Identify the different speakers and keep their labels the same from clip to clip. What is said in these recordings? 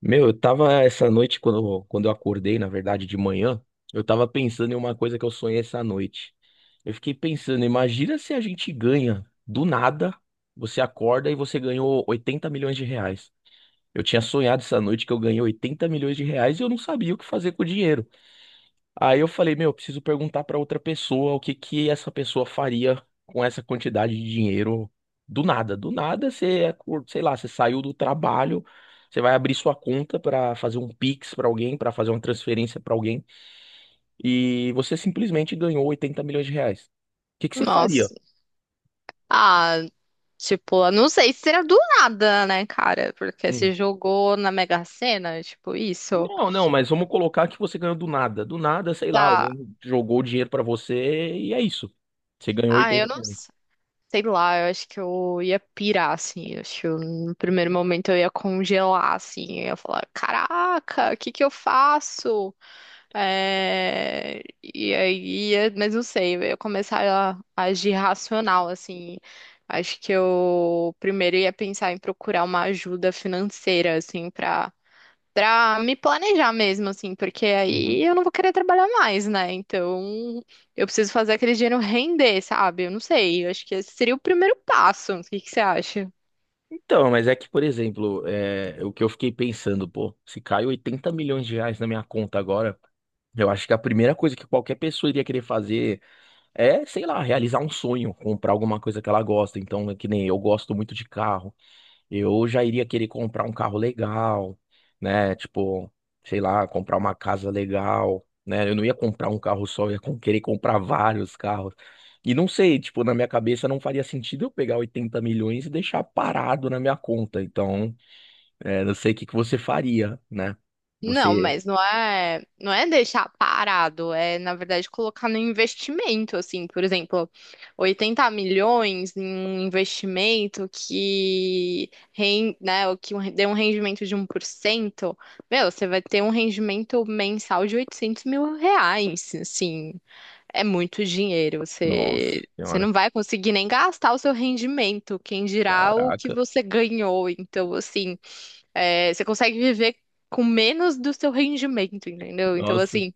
Speaker 1: Meu, eu tava essa noite, quando eu acordei, na verdade, de manhã, eu tava pensando em uma coisa que eu sonhei essa noite. Eu fiquei pensando, imagina se a gente ganha do nada, você acorda e você ganhou 80 milhões de reais. Eu tinha sonhado essa noite que eu ganhei 80 milhões de reais e eu não sabia o que fazer com o dinheiro. Aí eu falei, meu, eu preciso perguntar pra outra pessoa o que que essa pessoa faria com essa quantidade de dinheiro do nada. Do nada sei lá, você saiu do trabalho, você vai abrir sua conta pra fazer um Pix pra alguém, pra fazer uma transferência pra alguém e você simplesmente ganhou 80 milhões de reais. O que que você faria?
Speaker 2: Nossa. Ah, tipo, eu não sei se era do nada, né, cara? Porque se
Speaker 1: Hum.
Speaker 2: jogou na Mega Sena, tipo, isso.
Speaker 1: Não, não, mas vamos colocar que você ganhou do nada. Do nada, sei lá,
Speaker 2: Tá.
Speaker 1: alguém jogou o dinheiro pra você e é isso. Você ganhou
Speaker 2: Ah,
Speaker 1: 80
Speaker 2: eu não
Speaker 1: milhões.
Speaker 2: s- sei lá, eu acho que eu ia pirar, assim. Eu acho que no primeiro momento eu ia congelar, assim. Eu ia falar, caraca, o que que eu faço? E aí, mas não sei, eu ia começar a agir racional, assim. Acho que eu primeiro ia pensar em procurar uma ajuda financeira, assim, pra me planejar mesmo, assim, porque aí eu não vou querer trabalhar mais, né? Então, eu preciso fazer aquele dinheiro render, sabe? Eu não sei, eu acho que esse seria o primeiro passo. O que que você acha?
Speaker 1: Então, mas é que, por exemplo, é, o que eu fiquei pensando, pô, se cai 80 milhões de reais na minha conta agora, eu acho que a primeira coisa que qualquer pessoa iria querer fazer é, sei lá, realizar um sonho, comprar alguma coisa que ela gosta. Então, é que nem eu gosto muito de carro. Eu já iria querer comprar um carro legal, né? Tipo, sei lá, comprar uma casa legal, né? Eu não ia comprar um carro só, eu ia querer comprar vários carros. E não sei, tipo, na minha cabeça não faria sentido eu pegar 80 milhões e deixar parado na minha conta. Então, é, não sei o que que você faria, né?
Speaker 2: Não,
Speaker 1: Você.
Speaker 2: mas não é deixar parado, é na verdade colocar no investimento, assim, por exemplo, 80 milhões em um investimento que, né, dê um rendimento de 1%, meu, você vai ter um rendimento mensal de 800 mil reais, assim, é muito dinheiro,
Speaker 1: Nossa
Speaker 2: você
Speaker 1: senhora.
Speaker 2: não vai conseguir nem gastar o seu rendimento, quem dirá o que
Speaker 1: Caraca.
Speaker 2: você ganhou, então, assim... É, você consegue viver com menos do seu rendimento, entendeu? Então,
Speaker 1: Nossa.
Speaker 2: assim,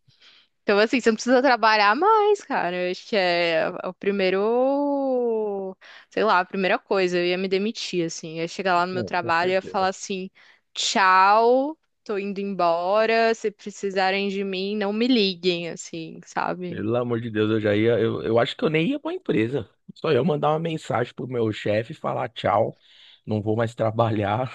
Speaker 2: então, assim, você não precisa trabalhar mais, cara. Eu acho que é o primeiro, sei lá, a primeira coisa. Eu ia me demitir, assim. Eu ia chegar lá no meu
Speaker 1: Não, com
Speaker 2: trabalho e ia falar
Speaker 1: certeza.
Speaker 2: assim: tchau, tô indo embora. Se precisarem de mim, não me liguem, assim, sabe?
Speaker 1: Pelo amor de Deus, eu já ia. Eu acho que eu nem ia pra empresa. Só eu mandar uma mensagem pro meu chefe e falar tchau, não vou mais trabalhar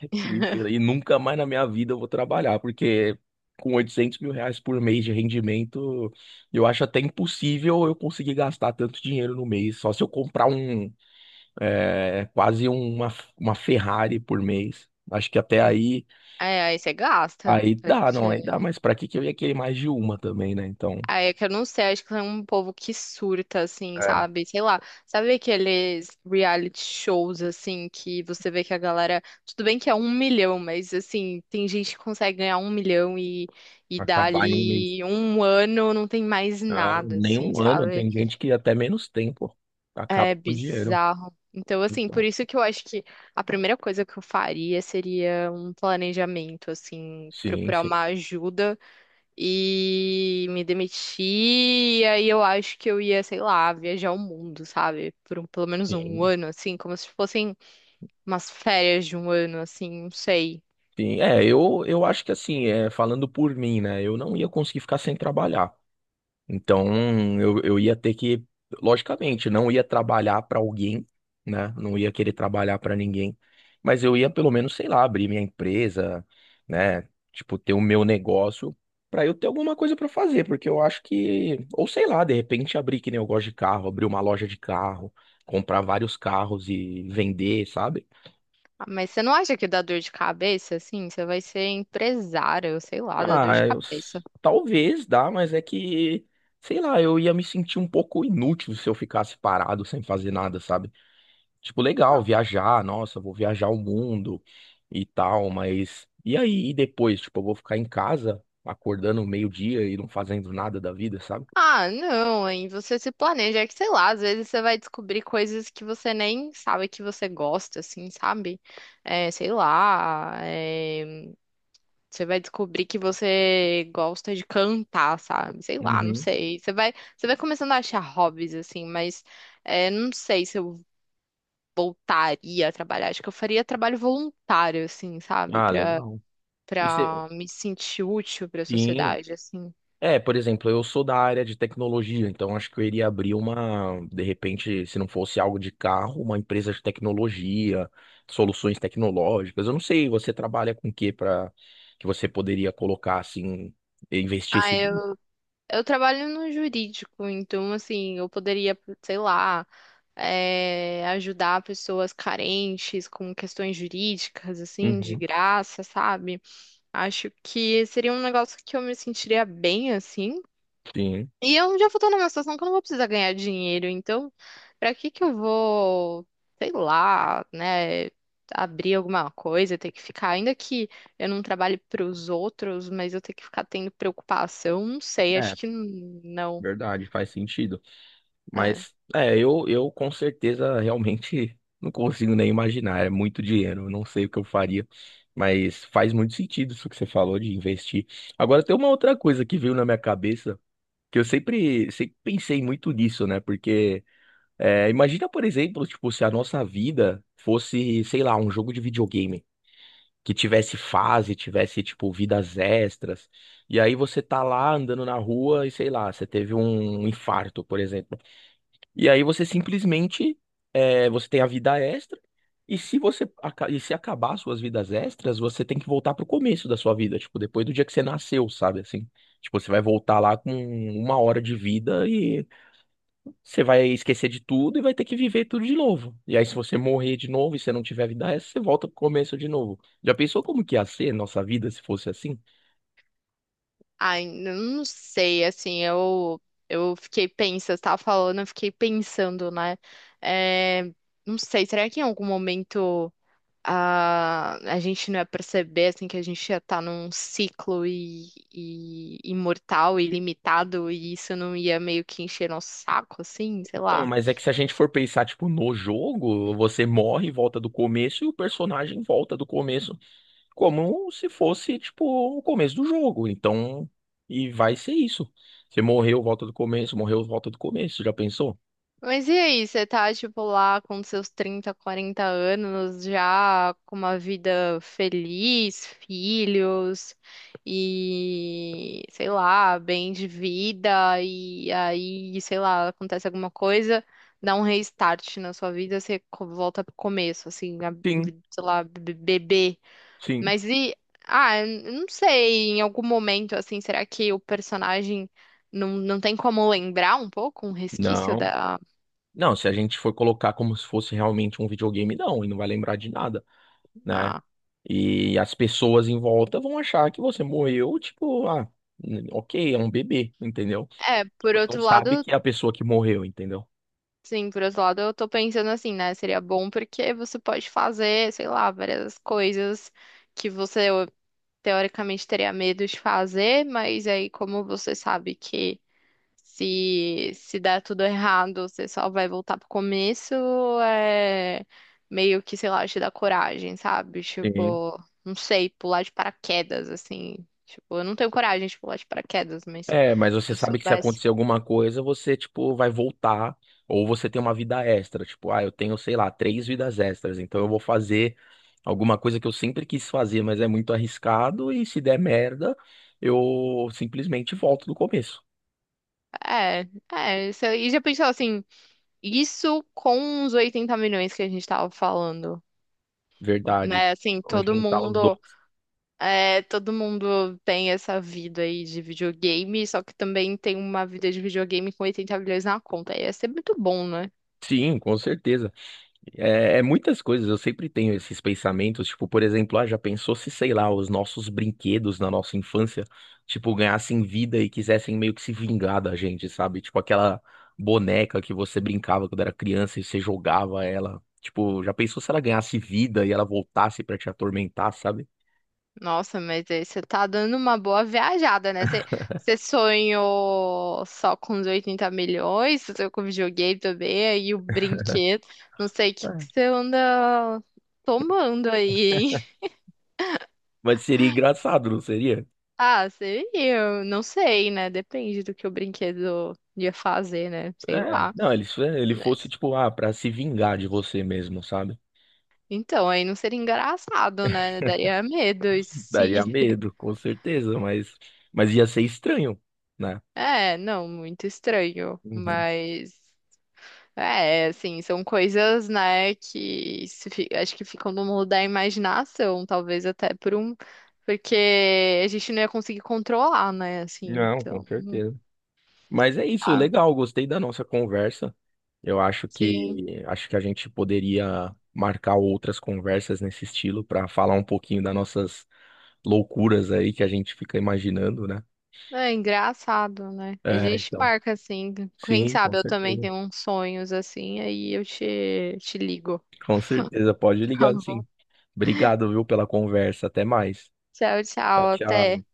Speaker 1: e nunca mais na minha vida eu vou trabalhar, porque com 800 mil reais por mês de rendimento, eu acho até impossível eu conseguir gastar tanto dinheiro no mês. Só se eu comprar um, é, quase uma Ferrari por mês. Acho que até aí,
Speaker 2: É, aí você gasta.
Speaker 1: aí dá, não, aí dá, mas pra que que eu ia querer mais de uma também, né? Então.
Speaker 2: Ah, é que eu não sei, acho que é um povo que surta, assim,
Speaker 1: É,
Speaker 2: sabe? Sei lá. Sabe aqueles reality shows, assim, que você vê que a galera. Tudo bem que é um milhão, mas, assim, tem gente que consegue ganhar um milhão e
Speaker 1: acabar em um mês.
Speaker 2: dali um ano não tem mais
Speaker 1: Ah,
Speaker 2: nada,
Speaker 1: nem
Speaker 2: assim,
Speaker 1: um ano,
Speaker 2: sabe?
Speaker 1: tem gente que até menos tempo acaba
Speaker 2: É
Speaker 1: com o dinheiro.
Speaker 2: bizarro. Então, assim, por
Speaker 1: Então,
Speaker 2: isso que eu acho que a primeira coisa que eu faria seria um planejamento, assim,
Speaker 1: sim,
Speaker 2: procurar
Speaker 1: sim,
Speaker 2: uma ajuda e me demiti. E aí eu acho que eu ia, sei lá, viajar o mundo, sabe? Pelo menos um
Speaker 1: sim,
Speaker 2: ano, assim, como se fossem umas férias de um ano, assim, não sei.
Speaker 1: sim. É, eu acho que assim, é, falando por mim, né? Eu não ia conseguir ficar sem trabalhar. Então, eu ia ter que, logicamente, não ia trabalhar para alguém, né? Não ia querer trabalhar para ninguém, mas eu ia pelo menos, sei lá, abrir minha empresa, né? Tipo, ter o meu negócio para eu ter alguma coisa para fazer, porque eu acho que, ou sei lá, de repente abrir que nem eu gosto de carro, abrir uma loja de carro, comprar vários carros e vender, sabe?
Speaker 2: Ah, mas você não acha que dá dor de cabeça, assim? Você vai ser empresária, eu sei lá, dá dor de
Speaker 1: Ah, eu,
Speaker 2: cabeça.
Speaker 1: talvez dá, mas é que sei lá, eu ia me sentir um pouco inútil se eu ficasse parado sem fazer nada, sabe? Tipo, legal
Speaker 2: Ah,
Speaker 1: viajar, nossa, vou viajar o mundo e tal, mas e aí? E depois? Tipo, eu vou ficar em casa acordando meio-dia e não fazendo nada da vida, sabe?
Speaker 2: ah, não, hein? Você se planeja, é que sei lá, às vezes você vai descobrir coisas que você nem sabe que você gosta, assim, sabe? É, sei lá, você vai descobrir que você gosta de cantar, sabe? Sei lá, não
Speaker 1: Uhum.
Speaker 2: sei. Você vai começando a achar hobbies, assim, mas é, não sei se eu voltaria a trabalhar. Acho que eu faria trabalho voluntário, assim, sabe?
Speaker 1: Ah,
Speaker 2: Pra,
Speaker 1: legal. E cê-
Speaker 2: pra me sentir útil pra
Speaker 1: Sim.
Speaker 2: sociedade, assim.
Speaker 1: É, por exemplo, eu sou da área de tecnologia, então acho que eu iria abrir uma, de repente, se não fosse algo de carro, uma empresa de tecnologia, soluções tecnológicas. Eu não sei, você trabalha com o que para que você poderia colocar assim, investir
Speaker 2: Ah,
Speaker 1: esse dinheiro?
Speaker 2: eu trabalho no jurídico, então, assim, eu poderia, sei lá, é, ajudar pessoas carentes com questões jurídicas, assim, de
Speaker 1: Uhum,
Speaker 2: graça, sabe? Acho que seria um negócio que eu me sentiria bem assim.
Speaker 1: sim.
Speaker 2: E eu já vou estar numa situação que eu não vou precisar ganhar dinheiro, então pra que que eu vou, sei lá, né, abrir alguma coisa, ter que ficar, ainda que eu não trabalhe pros outros, mas eu ter que ficar tendo preocupação, não sei, acho que não.
Speaker 1: Verdade, faz sentido.
Speaker 2: É.
Speaker 1: Mas é, eu com certeza realmente não consigo nem imaginar. É muito dinheiro, eu não sei o que eu faria. Mas faz muito sentido isso que você falou de investir. Agora tem uma outra coisa que veio na minha cabeça, que eu sempre, sempre pensei muito nisso, né? Porque é, imagina, por exemplo, tipo, se a nossa vida fosse, sei lá, um jogo de videogame que tivesse fase, tivesse tipo vidas extras. E aí você tá lá andando na rua e sei lá, você teve um infarto, por exemplo. E aí você simplesmente você tem a vida extra. E se acabar suas vidas extras, você tem que voltar pro começo da sua vida, tipo, depois do dia que você nasceu, sabe assim? Tipo, você vai voltar lá com uma hora de vida, você vai esquecer de tudo e vai ter que viver tudo de novo. E aí, se você morrer de novo e você não tiver vida essa, você volta pro começo de novo. Já pensou como que ia ser nossa vida se fosse assim?
Speaker 2: Ai, não sei, assim, eu fiquei pensando, você tava falando, eu fiquei pensando, né? É, não sei, será que em algum momento a gente não ia perceber assim que a gente ia estar num ciclo e imortal e limitado e isso não ia meio que encher nosso saco assim, sei
Speaker 1: Então,
Speaker 2: lá.
Speaker 1: mas é que se a gente for pensar, tipo, no jogo, você morre e volta do começo e o personagem volta do começo, como se fosse, tipo, o começo do jogo. Então, e vai ser isso. Você morreu, volta do começo, morreu, volta do começo. Já pensou?
Speaker 2: Mas e aí, você tá, tipo, lá com seus 30, 40 anos, já com uma vida feliz, filhos e, sei lá, bem de vida, e aí, sei lá, acontece alguma coisa, dá um restart na sua vida, você volta pro começo, assim, a
Speaker 1: Sim,
Speaker 2: sei lá, bebê.
Speaker 1: sim.
Speaker 2: Mas e, ah, eu não sei, em algum momento, assim, será que o personagem não tem como lembrar um pouco, um resquício
Speaker 1: Não.
Speaker 2: da.
Speaker 1: Não, se a gente for colocar como se fosse realmente um videogame, não, e não vai lembrar de nada, né?
Speaker 2: Ah.
Speaker 1: E as pessoas em volta vão achar que você morreu, tipo, ah, ok, é um bebê, entendeu?
Speaker 2: É, por
Speaker 1: Mas não
Speaker 2: outro
Speaker 1: sabe
Speaker 2: lado,
Speaker 1: que é a pessoa que morreu, entendeu?
Speaker 2: sim, por outro lado, eu tô pensando assim, né? Seria bom porque você pode fazer, sei lá, várias coisas que você teoricamente teria medo de fazer, mas aí como você sabe que se der tudo errado, você só vai voltar pro começo, é meio que, sei lá, te dá coragem, sabe?
Speaker 1: Sim.
Speaker 2: Tipo, não sei, pular de paraquedas, assim. Tipo, eu não tenho coragem de pular de paraquedas, mas
Speaker 1: É, mas
Speaker 2: se
Speaker 1: você
Speaker 2: eu
Speaker 1: sabe que se
Speaker 2: soubesse.
Speaker 1: acontecer alguma coisa, você, tipo, vai voltar, ou você tem uma vida extra, tipo, ah, eu tenho, sei lá, três vidas extras, então eu vou fazer alguma coisa que eu sempre quis fazer, mas é muito arriscado, e se der merda, eu simplesmente volto do começo.
Speaker 2: É, é, isso aí. E já pensou assim, isso com os 80 milhões que a gente tava falando,
Speaker 1: Verdade.
Speaker 2: né? Assim,
Speaker 1: Vamos
Speaker 2: todo
Speaker 1: juntar os
Speaker 2: mundo,
Speaker 1: dois.
Speaker 2: é, todo mundo tem essa vida aí de videogame, só que também tem uma vida de videogame com 80 milhões na conta. Ia ser muito bom, né?
Speaker 1: Sim, com certeza. É muitas coisas, eu sempre tenho esses pensamentos, tipo, por exemplo, ah, já pensou se, sei lá, os nossos brinquedos na nossa infância, tipo, ganhassem vida e quisessem meio que se vingar da gente, sabe? Tipo, aquela boneca que você brincava quando era criança e você jogava ela. Tipo, já pensou se ela ganhasse vida e ela voltasse pra te atormentar, sabe?
Speaker 2: Nossa, mas aí você tá dando uma boa viajada, né? Você, você sonhou só com os 80 milhões, você sonhou com videogame também, aí o brinquedo, não sei o que que
Speaker 1: É.
Speaker 2: você anda tomando aí, hein?
Speaker 1: Mas seria engraçado, não seria?
Speaker 2: Ah, seria, eu não sei, né? Depende do que o brinquedo ia fazer, né? Sei
Speaker 1: É,
Speaker 2: lá.
Speaker 1: não, ele, se ele fosse,
Speaker 2: Mas-
Speaker 1: tipo, ah, pra se vingar de você mesmo, sabe?
Speaker 2: Então, aí não seria engraçado, né? Daria medo, isso
Speaker 1: Daria
Speaker 2: sim.
Speaker 1: medo, com certeza, mas ia ser estranho, né?
Speaker 2: É, não, muito estranho.
Speaker 1: Uhum.
Speaker 2: Mas, é, assim, são coisas, né, que se acho que ficam no mundo da imaginação, talvez até por um. Porque a gente não ia conseguir controlar, né? Assim,
Speaker 1: Não, com
Speaker 2: então.
Speaker 1: certeza. Mas é isso,
Speaker 2: Ah,
Speaker 1: legal, gostei da nossa conversa. Eu acho
Speaker 2: sim.
Speaker 1: que acho que a gente poderia marcar outras conversas nesse estilo para falar um pouquinho das nossas loucuras aí que a gente fica imaginando, né?
Speaker 2: É engraçado, né? A
Speaker 1: É,
Speaker 2: gente
Speaker 1: então.
Speaker 2: marca assim. Quem
Speaker 1: Sim, com
Speaker 2: sabe eu também
Speaker 1: certeza.
Speaker 2: tenho uns sonhos assim, aí eu te ligo.
Speaker 1: Com certeza, pode
Speaker 2: Tá
Speaker 1: ligar,
Speaker 2: bom?
Speaker 1: sim. Obrigado, viu, pela conversa. Até mais.
Speaker 2: Tchau,
Speaker 1: Tchau,
Speaker 2: tchau, até.
Speaker 1: tchau.